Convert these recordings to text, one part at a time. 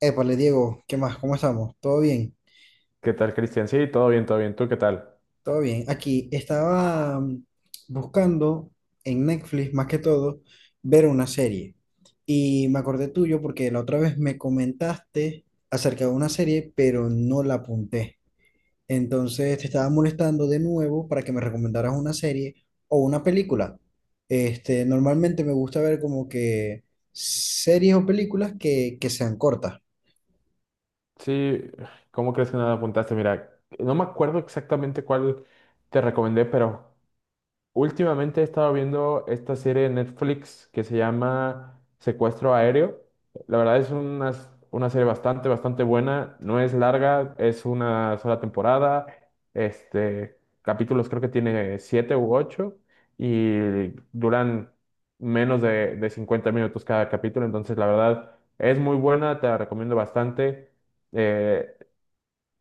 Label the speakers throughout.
Speaker 1: Épale, Diego, ¿qué más? ¿Cómo estamos? ¿Todo bien?
Speaker 2: ¿Qué tal, Cristian? Sí, todo bien, todo bien. ¿Tú qué tal?
Speaker 1: ¿Todo bien? Aquí estaba buscando en Netflix, más que todo, ver una serie. Y me acordé tuyo porque la otra vez me comentaste acerca de una serie, pero no la apunté. Entonces te estaba molestando de nuevo para que me recomendaras una serie o una película. Normalmente me gusta ver como que series o películas que sean cortas.
Speaker 2: Sí, ¿cómo crees que no la apuntaste? Mira, no me acuerdo exactamente cuál te recomendé, pero últimamente he estado viendo esta serie de Netflix que se llama Secuestro Aéreo. La verdad es una serie bastante buena. No es larga, es una sola temporada. Este, Capítulos creo que tiene siete u ocho y duran menos de 50 minutos cada capítulo. Entonces, la verdad es muy buena, te la recomiendo bastante. Eh,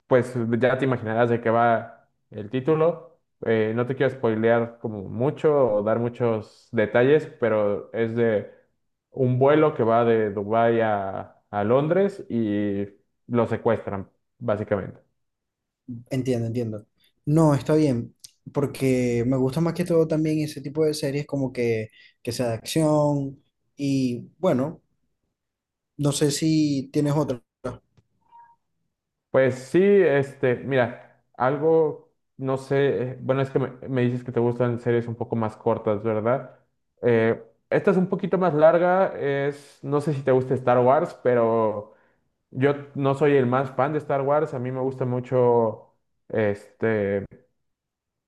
Speaker 2: pues ya te imaginarás de qué va el título. No te quiero spoilear como mucho o dar muchos detalles, pero es de un vuelo que va de Dubái a Londres y lo secuestran, básicamente.
Speaker 1: Entiendo, entiendo. No, está bien, porque me gusta más que todo también ese tipo de series como que sea de acción y bueno, no sé si tienes otra.
Speaker 2: Pues sí, este, algo que, bueno, me dices que te gustan series un poco más, ¿verdad? Eh, Esta es un poquito larga, es, no sé si es de Star Wars, pero yo no soy fan de Star Wars, me gusta mucho este,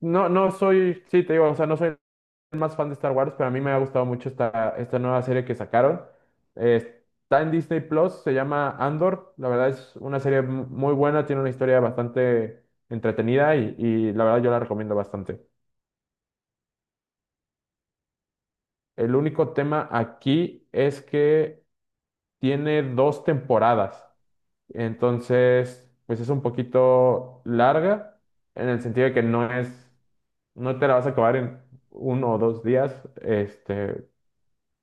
Speaker 2: no, no soy, sí, te digo, o sea, no soy el más fan de Star Wars, pero a mí me ha gustado mucho esta, esta nueva serie que sacaron. Está en Disney+, se llama Andor. La verdad es una serie muy buena, tiene una historia bastante entretenida y la verdad yo la recomiendo bastante. El único tema aquí es que tiene dos temporadas, entonces, pues es un poquito larga en el sentido de que no es, no te la vas a acabar en uno o dos días, este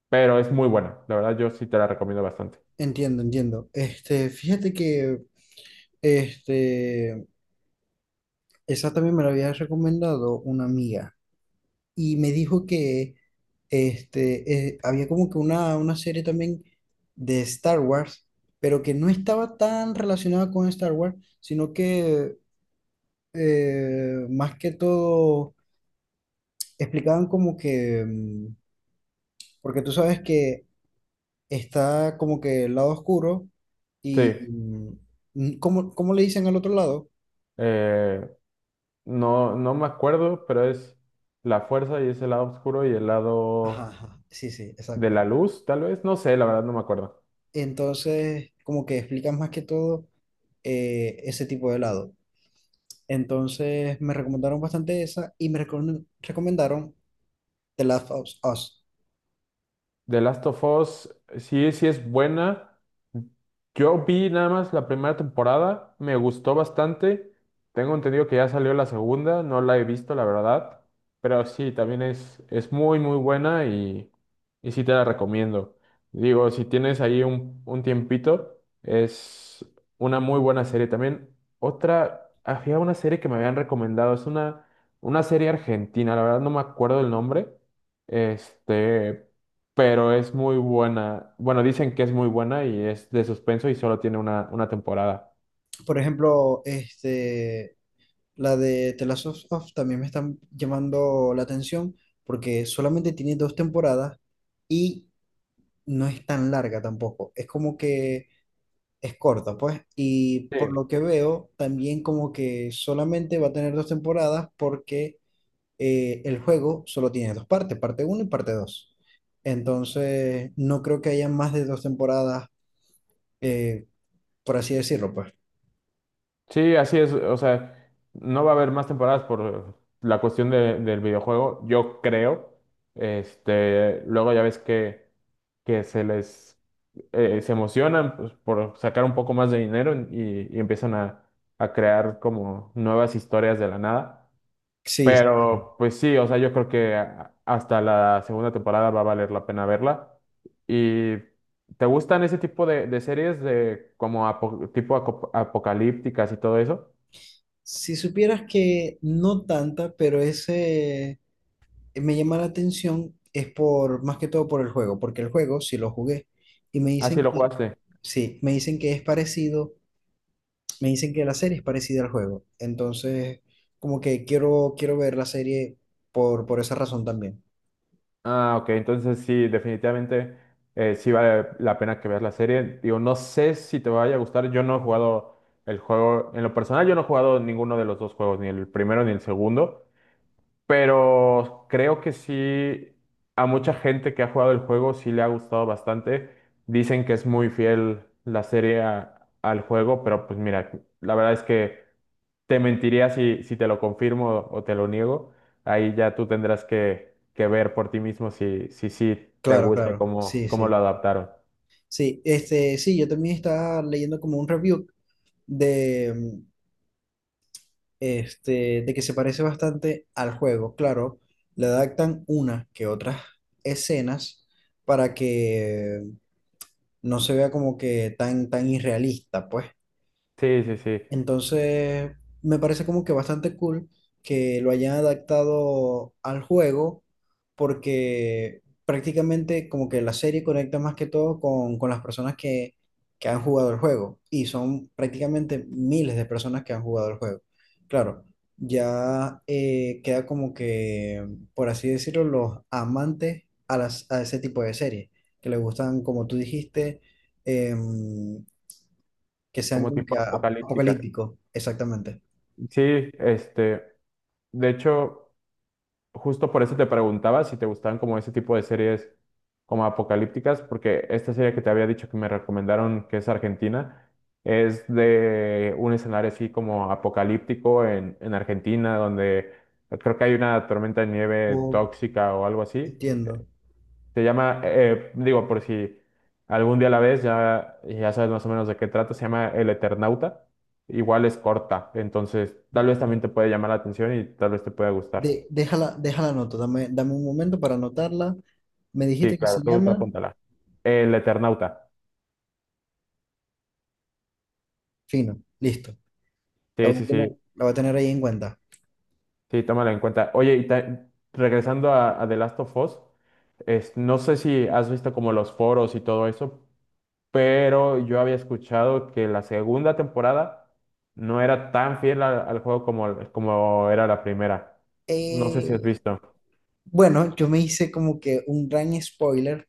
Speaker 2: pero es muy buena. La verdad, yo sí te la recomiendo bastante.
Speaker 1: Entiendo, entiendo. Este, fíjate que este, esa también me la había recomendado una amiga y me dijo que había como que una serie también de Star Wars, pero que no estaba tan relacionada con Star Wars, sino que más que todo, explicaban como que, porque tú sabes que está como que el lado oscuro y,
Speaker 2: Sí,
Speaker 1: mm. ¿Cómo, cómo le dicen al otro lado?
Speaker 2: eh, no, no me acuerdo, pero es la fuerza y es el lado oscuro y el
Speaker 1: Ajá,
Speaker 2: lado
Speaker 1: ajá, sí, sí,
Speaker 2: de
Speaker 1: exacto.
Speaker 2: la luz, tal vez. No sé, la verdad, no me acuerdo.
Speaker 1: Entonces, como que explican más que todo ese tipo de helado. Entonces, me recomendaron bastante esa y recomendaron The Last of Us.
Speaker 2: The Last of Us, sí, sí es buena. Yo vi nada más la primera temporada, me gustó bastante. Tengo entendido que ya salió la segunda, no la he visto, la verdad. Pero sí, también es muy, muy buena y sí te la recomiendo. Digo, si tienes ahí un tiempito, es una muy buena serie. También otra, había una serie que me habían recomendado, es una serie argentina, la verdad no me acuerdo el nombre. Este, pero es muy buena. Bueno, dicen que es muy buena y es de suspenso y solo tiene una temporada.
Speaker 1: Por ejemplo, la de The Last of Us también me está llamando la atención porque solamente tiene dos temporadas y no es tan larga tampoco. Es como que es corta, pues. Y
Speaker 2: Sí.
Speaker 1: por lo que veo, también como que solamente va a tener dos temporadas porque el juego solo tiene dos partes, parte uno y parte dos. Entonces, no creo que haya más de dos temporadas, eh, por así decirlo, pues.
Speaker 2: Sí, así es. O sea, no va a haber más temporadas por la cuestión del videojuego, yo creo. Luego ya ves que se les se emocionan pues, por sacar un poco más de dinero y empiezan a crear como nuevas historias de la nada.
Speaker 1: Sí,
Speaker 2: Pero pues sí, o sea, yo creo que hasta la segunda temporada va a valer la pena verla. ¿Y te gustan ese tipo de series de como tipo apocalípticas y todo eso?
Speaker 1: si supieras que no tanta, pero ese... me llama la atención es por, más que todo por el juego, porque el juego sí lo jugué y me
Speaker 2: Ah, sí,
Speaker 1: dicen
Speaker 2: lo
Speaker 1: que,
Speaker 2: jugaste.
Speaker 1: sí, me dicen que es parecido, me dicen que la serie es parecida al juego. Entonces, como que quiero ver la serie por esa razón también.
Speaker 2: Ah, ok, entonces sí, definitivamente sí vale la pena que veas la serie. Digo, no sé si te vaya a gustar, yo no he jugado el juego, en lo personal yo no he jugado ninguno de los dos juegos, ni el primero ni el segundo. Pero creo que sí, a mucha gente que ha jugado el juego sí le ha gustado bastante. Dicen que es muy fiel la serie al juego, pero pues mira, la verdad es que te mentiría si, si te lo confirmo o te lo niego. Ahí ya tú tendrás que ver por ti mismo si, si, sí te
Speaker 1: Claro,
Speaker 2: gusta
Speaker 1: claro,
Speaker 2: cómo,
Speaker 1: sí,
Speaker 2: cómo lo
Speaker 1: sí.
Speaker 2: adaptaron.
Speaker 1: Sí, este, sí, yo también estaba leyendo como un review de, de que se parece bastante al juego. Claro, le adaptan unas que otras escenas para que no se vea como que tan, tan irrealista, pues.
Speaker 2: Sí, sí, sí,
Speaker 1: Entonces, me parece como que bastante cool que lo hayan adaptado al juego, porque prácticamente como que la serie conecta más que todo con las personas que han jugado el juego, y son prácticamente miles de personas que han jugado el juego. Claro, ya queda como que, por así decirlo, los amantes a, las, a ese tipo de series, que les gustan, como tú dijiste, em, que sean
Speaker 2: como
Speaker 1: como
Speaker 2: tipo
Speaker 1: que
Speaker 2: apocalípticas.
Speaker 1: apocalípticos, exactamente.
Speaker 2: Sí, este, de hecho... justo por eso te preguntaba si te gustaban como ese tipo de series como apocalípticas, porque esta serie que te había dicho que me recomendaron, que es Argentina, es de un escenario así como apocalíptico en Argentina, donde creo que hay una tormenta de nieve
Speaker 1: O,
Speaker 2: tóxica o algo así.
Speaker 1: entiendo.
Speaker 2: Se llama, digo, por si algún día la ves, ya, ya sabes más o menos de qué trata, se llama El Eternauta. Igual es corta, entonces tal vez también te puede llamar la atención y tal vez te pueda gustar.
Speaker 1: Déjala, déjala nota, dame un momento para anotarla. Me
Speaker 2: Sí,
Speaker 1: dijiste que
Speaker 2: claro,
Speaker 1: se
Speaker 2: tú
Speaker 1: llama
Speaker 2: apúntala. El Eternauta.
Speaker 1: Fino, listo. La
Speaker 2: Sí,
Speaker 1: voy
Speaker 2: sí,
Speaker 1: a tener,
Speaker 2: sí,
Speaker 1: la voy a tener ahí en cuenta.
Speaker 2: sí, tómalo en cuenta. Oye, regresando a The Last of Us, no sé si has visto como los foros y todo eso, pero yo había escuchado que la segunda temporada no era tan fiel al, al juego como, como era la primera. No sé si has
Speaker 1: Eh,
Speaker 2: visto.
Speaker 1: bueno, yo me hice como que un gran spoiler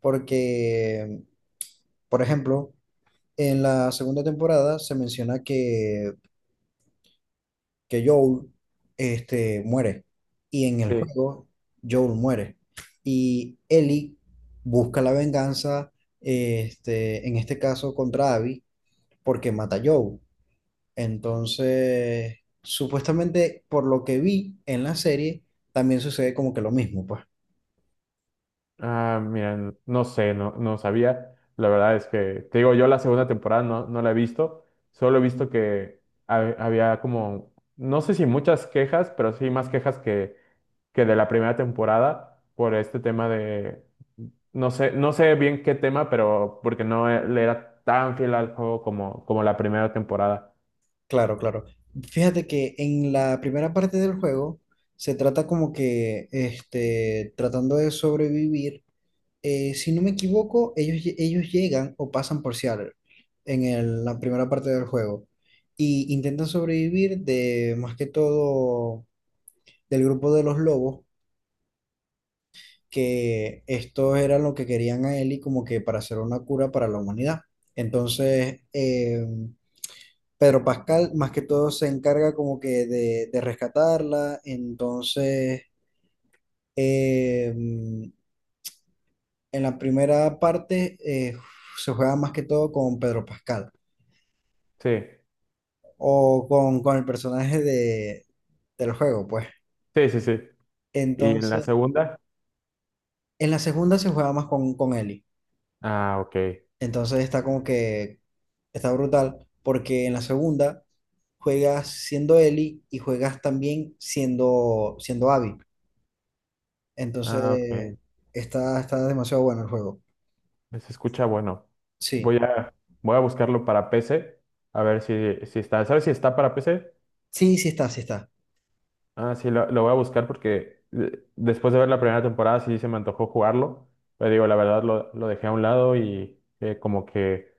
Speaker 1: porque, por ejemplo, en la segunda temporada se menciona que Joel, muere. Y en el
Speaker 2: Sí.
Speaker 1: juego, Joel muere. Y Ellie busca la venganza, en este caso contra Abby, porque mata a Joel. Entonces, supuestamente, por lo que vi en la serie, también sucede como que lo mismo, pues.
Speaker 2: Ah, mira, no sé, no, no sabía. La verdad es que, te digo, yo la segunda temporada no, no la he visto. Solo he visto que había como, no sé si muchas quejas, pero sí más quejas que de la primera temporada por este tema de, no sé, no sé bien qué tema, pero porque no le era tan fiel al juego como, como la primera temporada.
Speaker 1: Claro, claro. Fíjate que en la primera parte del juego se trata como que, tratando de sobrevivir. Si no me equivoco, ellos, ellos llegan o pasan por Seattle en la primera parte del juego y intentan sobrevivir de más que todo del grupo de los lobos, que estos eran lo que querían a Ellie como que para hacer una cura para la humanidad. Entonces, Pedro Pascal más que todo se encarga como que de rescatarla. Entonces, en la primera parte se juega más que todo con Pedro Pascal
Speaker 2: Sí,
Speaker 1: o con el personaje de, del juego, pues.
Speaker 2: sí, sí, sí. Y en la
Speaker 1: Entonces,
Speaker 2: segunda,
Speaker 1: en la segunda se juega más con Ellie.
Speaker 2: ah, ok,
Speaker 1: Entonces está como que está brutal, porque en la segunda juegas siendo Ellie y juegas también siendo, siendo Abby.
Speaker 2: ah,
Speaker 1: Entonces,
Speaker 2: ok.
Speaker 1: está, está demasiado bueno el juego.
Speaker 2: Se escucha bueno.
Speaker 1: Sí,
Speaker 2: Voy a, voy a buscarlo para PC. A ver si, si está. ¿Sabes si está para PC?
Speaker 1: sí, sí está, sí está.
Speaker 2: Ah, sí, lo voy a buscar porque después de ver la primera temporada sí se me antojó jugarlo. Pero digo, la verdad lo dejé a un lado y como que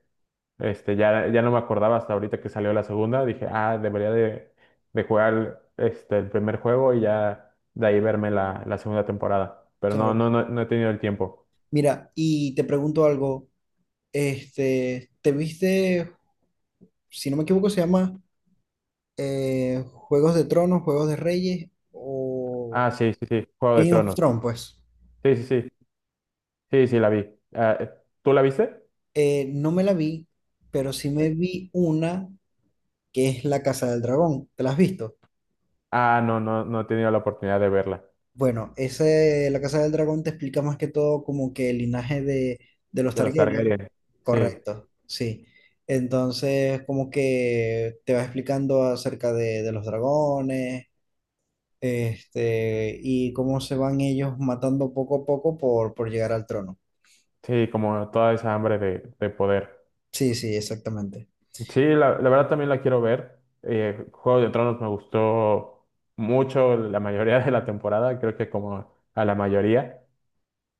Speaker 2: ya, ya no me acordaba hasta ahorita que salió la segunda. Dije, ah, debería de jugar este, el primer juego y ya de ahí verme la, la segunda temporada. Pero no,
Speaker 1: Claro.
Speaker 2: no, no, no he tenido el tiempo.
Speaker 1: Mira, y te pregunto algo. Este, ¿te viste, si no me equivoco, se llama Juegos de Tronos, Juegos de Reyes o
Speaker 2: Ah, sí, sí, sí, Juego de
Speaker 1: Game of
Speaker 2: Tronos.
Speaker 1: Thrones, pues?
Speaker 2: Sí, sí, sí. Sí, sí, la vi. Ah, ¿tú la viste?
Speaker 1: No me la vi, pero sí
Speaker 2: Eh,
Speaker 1: me vi una que es La Casa del Dragón. ¿Te la has visto?
Speaker 2: Ah, no, no, no he tenido la oportunidad de verla.
Speaker 1: Bueno, ese, La Casa del Dragón te explica más que todo como que el linaje de los
Speaker 2: De los
Speaker 1: Targaryen.
Speaker 2: Targaryen. Sí,
Speaker 1: Correcto, sí. Entonces, como que te va explicando acerca de los dragones, y cómo se van ellos matando poco a poco por llegar al trono.
Speaker 2: sí, como toda esa hambre de poder.
Speaker 1: Sí, sí, exactamente.
Speaker 2: Sí, la verdad también la quiero ver. Juego de Tronos me gustó mucho la mayoría de la temporada, creo que como a la mayoría.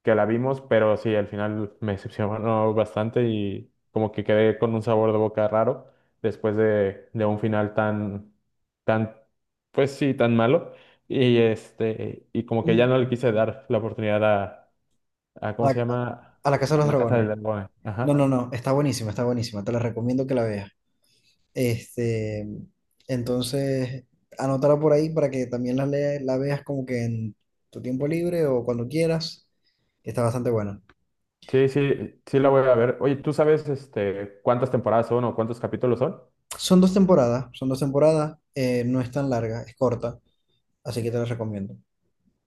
Speaker 2: Que la vimos, pero sí, al final me decepcionó bastante y como que quedé con un sabor de boca raro después de un final tan, tan, pues sí, tan malo. Y y como que ya
Speaker 1: Y
Speaker 2: no le quise dar la oportunidad a ¿cómo
Speaker 1: A,
Speaker 2: se llama?
Speaker 1: a la Casa de
Speaker 2: A
Speaker 1: los
Speaker 2: la Casa del
Speaker 1: Dragones.
Speaker 2: Dragón.
Speaker 1: No,
Speaker 2: Ajá.
Speaker 1: no, no, está buenísima, está buenísima. Te la recomiendo que la veas. Este, entonces, anótala por ahí para que también la veas como que en tu tiempo libre o cuando quieras. Está bastante buena.
Speaker 2: Sí, sí, sí la voy a ver. Oye, ¿tú sabes este cuántas temporadas son o cuántos capítulos son?
Speaker 1: Son dos temporadas, no es tan larga, es corta, así que te la recomiendo.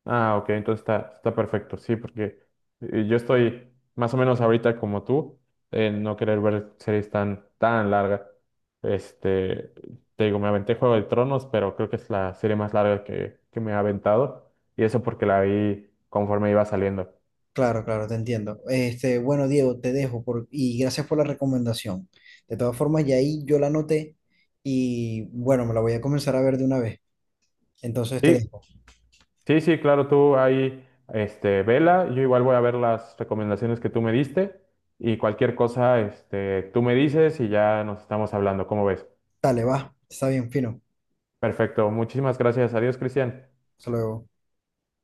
Speaker 2: Ah, ok, entonces está, está perfecto, sí, porque yo estoy más o menos ahorita como tú, en no querer ver series tan, tan largas. Este, Te digo, me aventé Juego de Tronos, pero creo que es la serie más larga que me ha aventado, y eso porque la vi conforme iba saliendo.
Speaker 1: Claro, claro, te entiendo. Este, bueno, Diego, te dejo por, y gracias por la recomendación. De todas formas, ya ahí yo la anoté y bueno, me la voy a comenzar a ver de una vez. Entonces te
Speaker 2: Sí,
Speaker 1: dejo.
Speaker 2: sí, sí, claro, tú ahí, vela, yo igual voy a ver las recomendaciones que tú me diste, y cualquier cosa, tú me dices y ya nos estamos hablando, ¿cómo ves?
Speaker 1: Dale, va, está bien, fino.
Speaker 2: Perfecto. Muchísimas gracias. Adiós, Cristian.
Speaker 1: Hasta luego.